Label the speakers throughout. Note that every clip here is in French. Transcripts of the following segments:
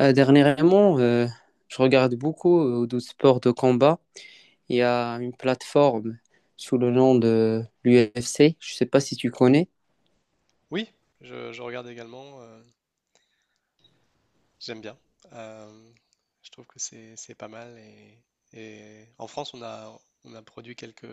Speaker 1: Dernièrement, je regarde beaucoup de sports de combat. Il y a une plateforme sous le nom de l'UFC. Je ne sais pas si tu connais.
Speaker 2: Oui, je regarde également, j'aime bien. Euh, je trouve que c'est pas mal et en France on a produit quelques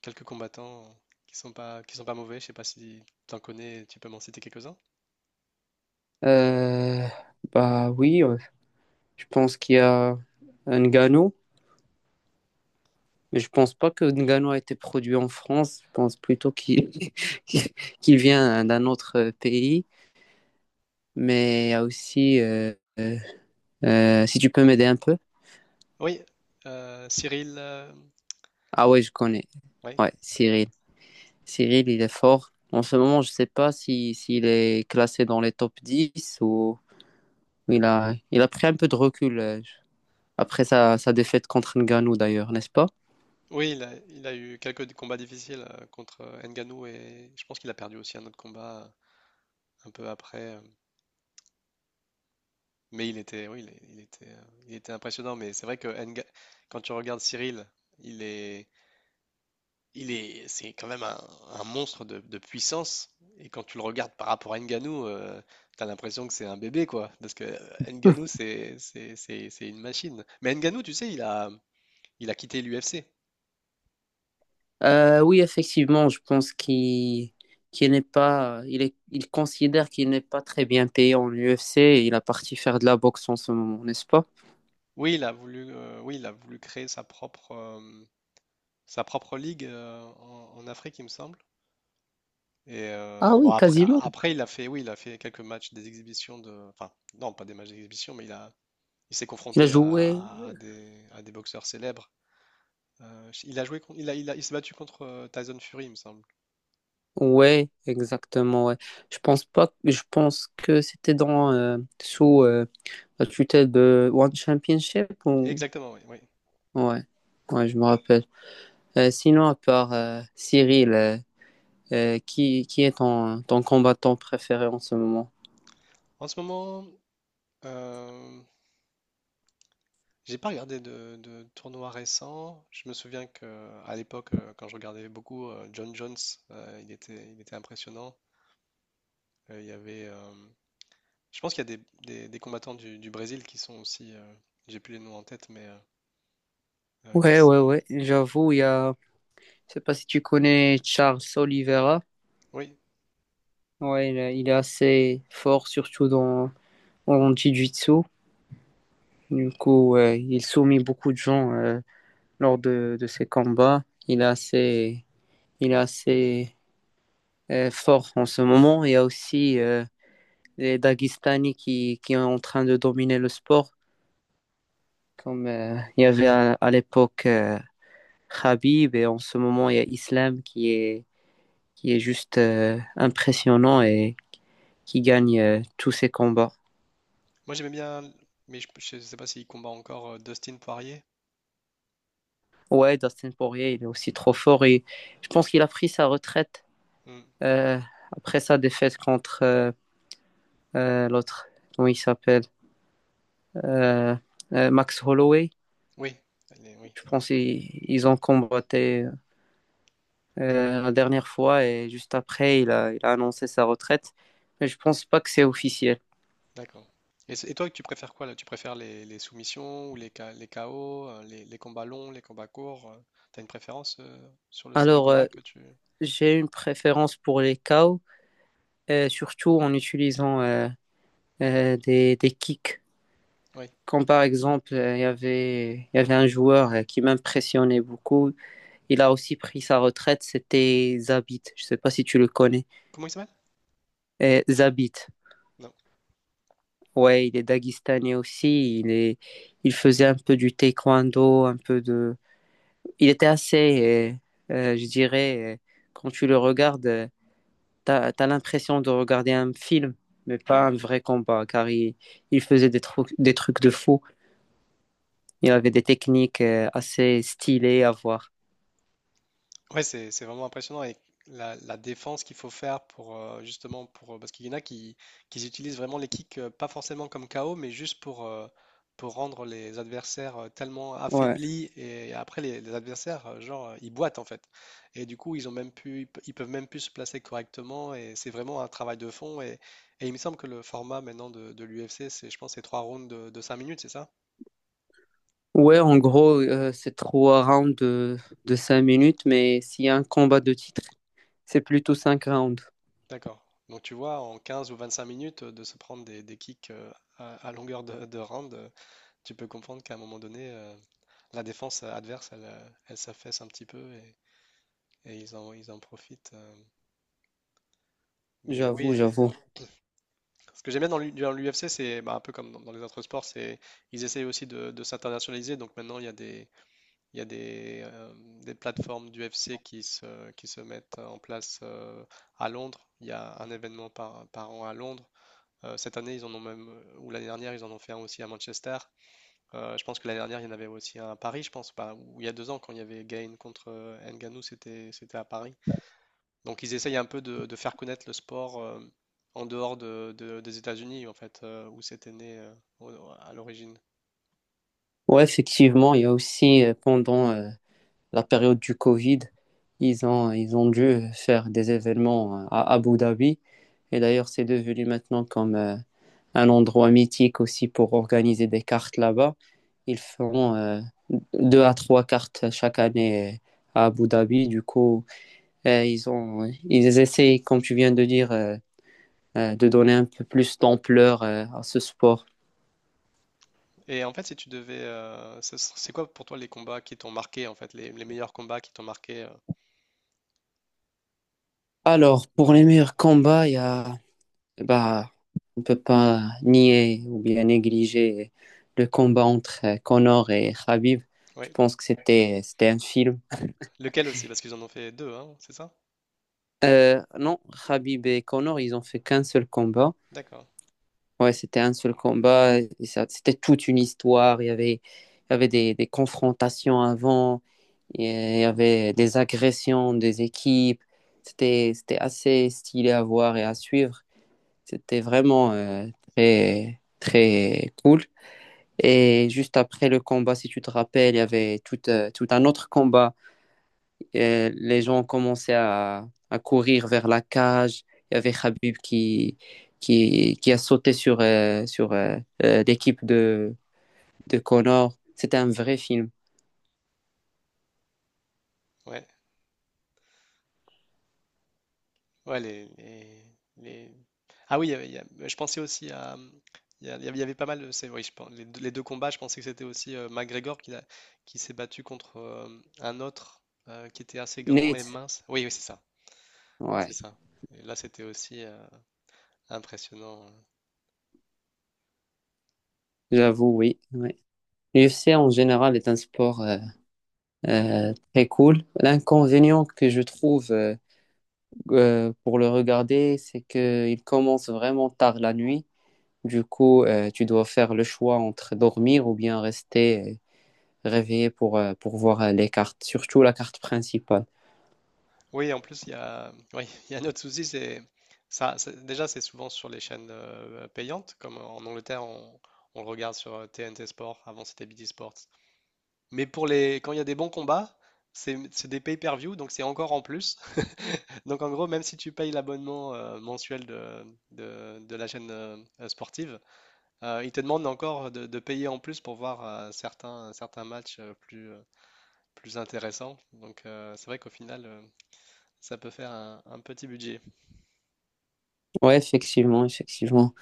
Speaker 2: quelques combattants qui sont pas mauvais. Je sais pas si tu en connais, tu peux m'en citer quelques-uns.
Speaker 1: Euh, bah oui, je pense qu'il y a Ngannou, mais je pense pas que Ngannou a été produit en France. Je pense plutôt qu'il qu'il vient d'un autre pays. Mais il y a aussi, si tu peux m'aider un peu.
Speaker 2: Oui, Cyril,
Speaker 1: Ah ouais, je connais.
Speaker 2: ouais.
Speaker 1: Ouais, Cyril. Cyril, il est fort. En ce moment, je ne sais pas si, s'il est classé dans les top 10 ou il a pris un peu de recul après sa défaite contre Ngannou d'ailleurs, n'est-ce pas?
Speaker 2: Oui, il a eu quelques combats difficiles, contre Ngannou, et je pense qu'il a perdu aussi un autre combat un peu après. Mais il était, oui, il était impressionnant. Mais c'est vrai que quand tu regardes Cyril, il est, c'est quand même un monstre de puissance. Et quand tu le regardes par rapport à Ngannou, t'as l'impression que c'est un bébé, quoi. Parce que Ngannou, c'est une machine. Mais Ngannou, tu sais, il a quitté l'UFC.
Speaker 1: Oui, effectivement, je pense qu'il n'est pas, il est, il considère qu'il n'est pas très bien payé en UFC et il a parti faire de la boxe en ce moment, n'est-ce pas?
Speaker 2: Oui, oui, il a voulu créer sa propre ligue, en Afrique, il me semble. Et
Speaker 1: Ah
Speaker 2: bon,
Speaker 1: oui,
Speaker 2: après,
Speaker 1: quasiment.
Speaker 2: après, oui, il a fait quelques matchs des exhibitions de, enfin, non, pas des matchs d'exhibition, il s'est
Speaker 1: Il a
Speaker 2: confronté
Speaker 1: joué.
Speaker 2: à, à des boxeurs célèbres. Il a joué, con- il a, il a- Il s'est battu contre Tyson Fury, il me semble.
Speaker 1: Ouais, exactement, ouais. Je pense pas, je pense que c'était dans sous la tutelle de One Championship ou...
Speaker 2: Exactement, oui, oui.
Speaker 1: Ouais, ouais, je me rappelle. Sinon, à part Cyril, qui est ton combattant préféré en ce moment?
Speaker 2: En ce moment, euh, j'ai pas regardé de tournoi récent. Je me souviens que à l'époque, quand je regardais beaucoup, John Jones, il était impressionnant. Euh, il y avait, euh, je pense qu'il y a des combattants du Brésil qui sont aussi, j'ai plus les noms en tête, mais euh, qui
Speaker 1: Ouais,
Speaker 2: s-
Speaker 1: ouais, ouais, j'avoue, il y a... Je sais pas si tu connais Charles Oliveira.
Speaker 2: oui.
Speaker 1: Ouais, il est assez fort, surtout dans en jiu-jitsu. Du coup, ouais, il soumet beaucoup de gens lors de ses combats. Il est assez fort en ce moment. Il y a aussi les Dagestani qui sont en train de dominer le sport, comme il y avait à l'époque Khabib, et en ce moment il y a Islam qui est juste impressionnant et qui gagne tous ses combats.
Speaker 2: Moi, j'aimais bien, mais je sais pas s'il combat encore, Dustin Poirier.
Speaker 1: Ouais, Dustin Poirier, il est aussi trop fort et je pense qu'il a pris sa retraite
Speaker 2: Hmm.
Speaker 1: euh, après sa défaite contre l'autre, comment il s'appelle, Euh, Max Holloway.
Speaker 2: Oui, allez, oui.
Speaker 1: Je pense qu'ils ils ont combattu la dernière fois et juste après, il a annoncé sa retraite. Mais je pense pas que c'est officiel.
Speaker 2: D'accord. Et toi, tu préfères quoi là? Tu préfères les soumissions ou les KO, les combats longs, les combats courts? T'as une préférence sur le style de
Speaker 1: Alors,
Speaker 2: combat que tu...
Speaker 1: j'ai une préférence pour les KO, surtout en utilisant des kicks.
Speaker 2: Oui.
Speaker 1: Comme par exemple, il y avait un joueur qui m'impressionnait beaucoup. Il a aussi pris sa retraite, c'était Zabit. Je sais pas si tu le connais.
Speaker 2: Comment il s'appelle?
Speaker 1: Zabit, ouais, il est daguestanais aussi. Il est, il faisait un peu du taekwondo, un peu de il était assez, je dirais, quand tu le regardes, t'as l'impression de regarder un film, mais pas un vrai combat, car il faisait des trucs de fou. Il avait des techniques assez stylées à voir.
Speaker 2: Ouais, c'est vraiment impressionnant, et la défense qu'il faut faire pour, justement pour, parce qu'il y en a qui utilisent vraiment les kicks, pas forcément comme KO, mais juste pour, pour rendre les adversaires tellement
Speaker 1: Ouais.
Speaker 2: affaiblis, et après les adversaires, genre, ils boitent en fait, et du coup ils ont même plus, ils peuvent même plus se placer correctement. Et c'est vraiment un travail de fond, et il me semble que le format maintenant de l'UFC, c'est, je pense, c'est 3 rounds de 5 minutes, c'est ça?
Speaker 1: Ouais, en gros, c'est trois rounds de 5 minutes, mais s'il y a un combat de titre, c'est plutôt 5 rounds.
Speaker 2: D'accord. Donc tu vois, en 15 ou 25 minutes, de se prendre des kicks, à longueur de round, tu peux comprendre qu'à un moment donné, la défense, adverse, elle s'affaisse un petit peu, et ils en profitent. Mais
Speaker 1: J'avoue,
Speaker 2: oui,
Speaker 1: j'avoue.
Speaker 2: ce que j'aime bien dans l'UFC, c'est, bah, un peu comme dans, les autres sports: c'est, ils essayent aussi de s'internationaliser. Donc maintenant, il y a des, il y a des plateformes d'UFC qui se mettent en place, à Londres. Il y a un événement par an à Londres. Cette année, ils en ont même, ou l'année dernière, ils en ont fait un aussi à Manchester. Je pense que l'année dernière, il y en avait aussi un à Paris, je pense, pas, ou il y a 2 ans, quand il y avait Gain contre Ngannou, c'était à Paris. Donc ils essayent un peu de faire connaître le sport, en dehors des États-Unis, en fait, où c'était né, au- à l'origine.
Speaker 1: Ouais, effectivement, il y a aussi pendant la période du Covid, ils ont dû faire des événements à Abu Dhabi. Et d'ailleurs, c'est devenu maintenant comme un endroit mythique aussi pour organiser des cartes là-bas. Ils feront deux à trois cartes chaque année à Abu Dhabi. Du coup, ils essayent, comme tu viens de dire, de donner un peu plus d'ampleur à ce sport.
Speaker 2: Et en fait, si tu devais, ce- c'est quoi pour toi les combats qui t'ont marqué, en fait, les meilleurs combats qui t'ont marqué, dans le,
Speaker 1: Alors,
Speaker 2: dans
Speaker 1: pour
Speaker 2: le...
Speaker 1: les meilleurs combats, il y a bah, on ne peut pas nier ou bien négliger le combat entre Connor et Khabib. Je
Speaker 2: Oui.
Speaker 1: pense que c'était un film.
Speaker 2: Lequel aussi? Parce qu'ils en ont fait deux, hein, c'est ça?
Speaker 1: Non, Khabib et Connor, ils ont fait qu'un seul combat.
Speaker 2: D'accord.
Speaker 1: Ouais, c'était un seul combat. C'était toute une histoire. Il y avait des confrontations avant, et il y avait des agressions des équipes. C'était, c'était assez stylé à voir et à suivre. C'était vraiment très, très cool. Et juste après le combat, si tu te rappelles, il y avait tout un autre combat. Et les gens commençaient à courir vers la cage. Il y avait Khabib qui a sauté sur l'équipe de Connor. C'était un vrai film.
Speaker 2: Ouais. Ouais. Les, les- les- Ah oui, il y avait- il y a- je pensais aussi à... Il y avait, pas mal de... Oui, je pense, les deux combats, je pensais que c'était aussi, McGregor qui s'est battu contre, un autre, qui était assez grand et
Speaker 1: Nate,
Speaker 2: mince. Oui, oui, c'est ça. C'est
Speaker 1: ouais,
Speaker 2: ça. Et là, c'était aussi, impressionnant.
Speaker 1: j'avoue, oui, ouais. L'UFC en général est un sport très cool. L'inconvénient que je trouve pour le regarder, c'est qu'il commence vraiment tard la nuit. Du coup, tu dois faire le choix entre dormir ou bien rester réveillé pour voir les cartes, surtout la carte principale.
Speaker 2: Oui, en plus, il y a, oui, il y a un autre souci, c'est... Ça, déjà, c'est souvent sur les chaînes, payantes, comme en Angleterre, on le regarde sur TNT Sport, avant c'était BT Sport. Mais quand il y a des bons combats, c'est des pay-per-view, donc c'est encore en plus. Donc en gros, même si tu payes l'abonnement, mensuel de la chaîne, sportive, ils te demandent encore de payer en plus pour voir, certains matchs, plus intéressants. Donc, c'est vrai qu'au final, ça peut faire un petit budget.
Speaker 1: Ouais, effectivement, effectivement.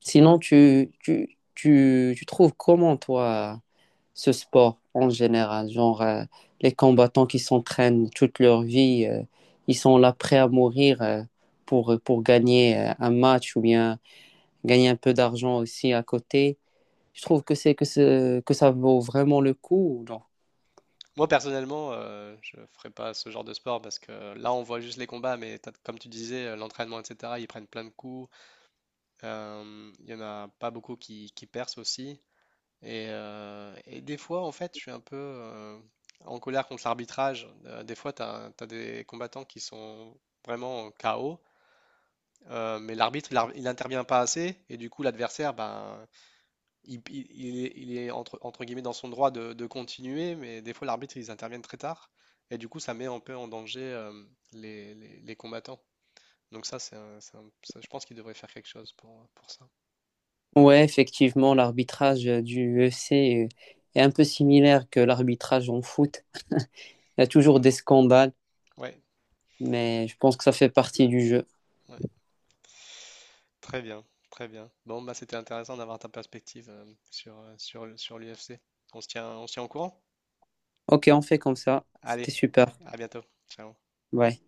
Speaker 1: Sinon, tu trouves comment, toi, ce sport en général? Genre, les combattants qui s'entraînent toute leur vie, ils sont là prêts à mourir pour gagner un match ou bien gagner un peu d'argent aussi à côté. Je trouve que que ça vaut vraiment le coup ou non?
Speaker 2: Moi personnellement, je ne ferai pas ce genre de sport, parce que là, on voit juste les combats, mais comme tu disais, l'entraînement, etc., ils prennent plein de coups. Il y en a pas beaucoup qui percent aussi. Et des fois, en fait, je suis un peu, en colère contre l'arbitrage. Des fois, tu as, des combattants qui sont vraiment KO, mais l'arbitre, il n'intervient pas assez. Et du coup, l'adversaire, ben, il est entre guillemets dans son droit de continuer, mais des fois, l'arbitre, ils interviennent très tard. Et du coup, ça met un peu en danger, les combattants. Donc ça, ça, je pense qu'il devrait faire quelque chose pour ça.
Speaker 1: Ouais, effectivement, l'arbitrage du UFC est un peu similaire que l'arbitrage en foot. Il y a toujours des scandales,
Speaker 2: Ouais,
Speaker 1: mais je pense que ça fait partie du jeu.
Speaker 2: ouais. Très bien, très bien. Bon, bah, c'était intéressant d'avoir ta perspective, sur l'UFC. On se tient au courant?
Speaker 1: Ok, on fait comme ça.
Speaker 2: Allez,
Speaker 1: C'était super.
Speaker 2: à bientôt. Ciao.
Speaker 1: Ouais.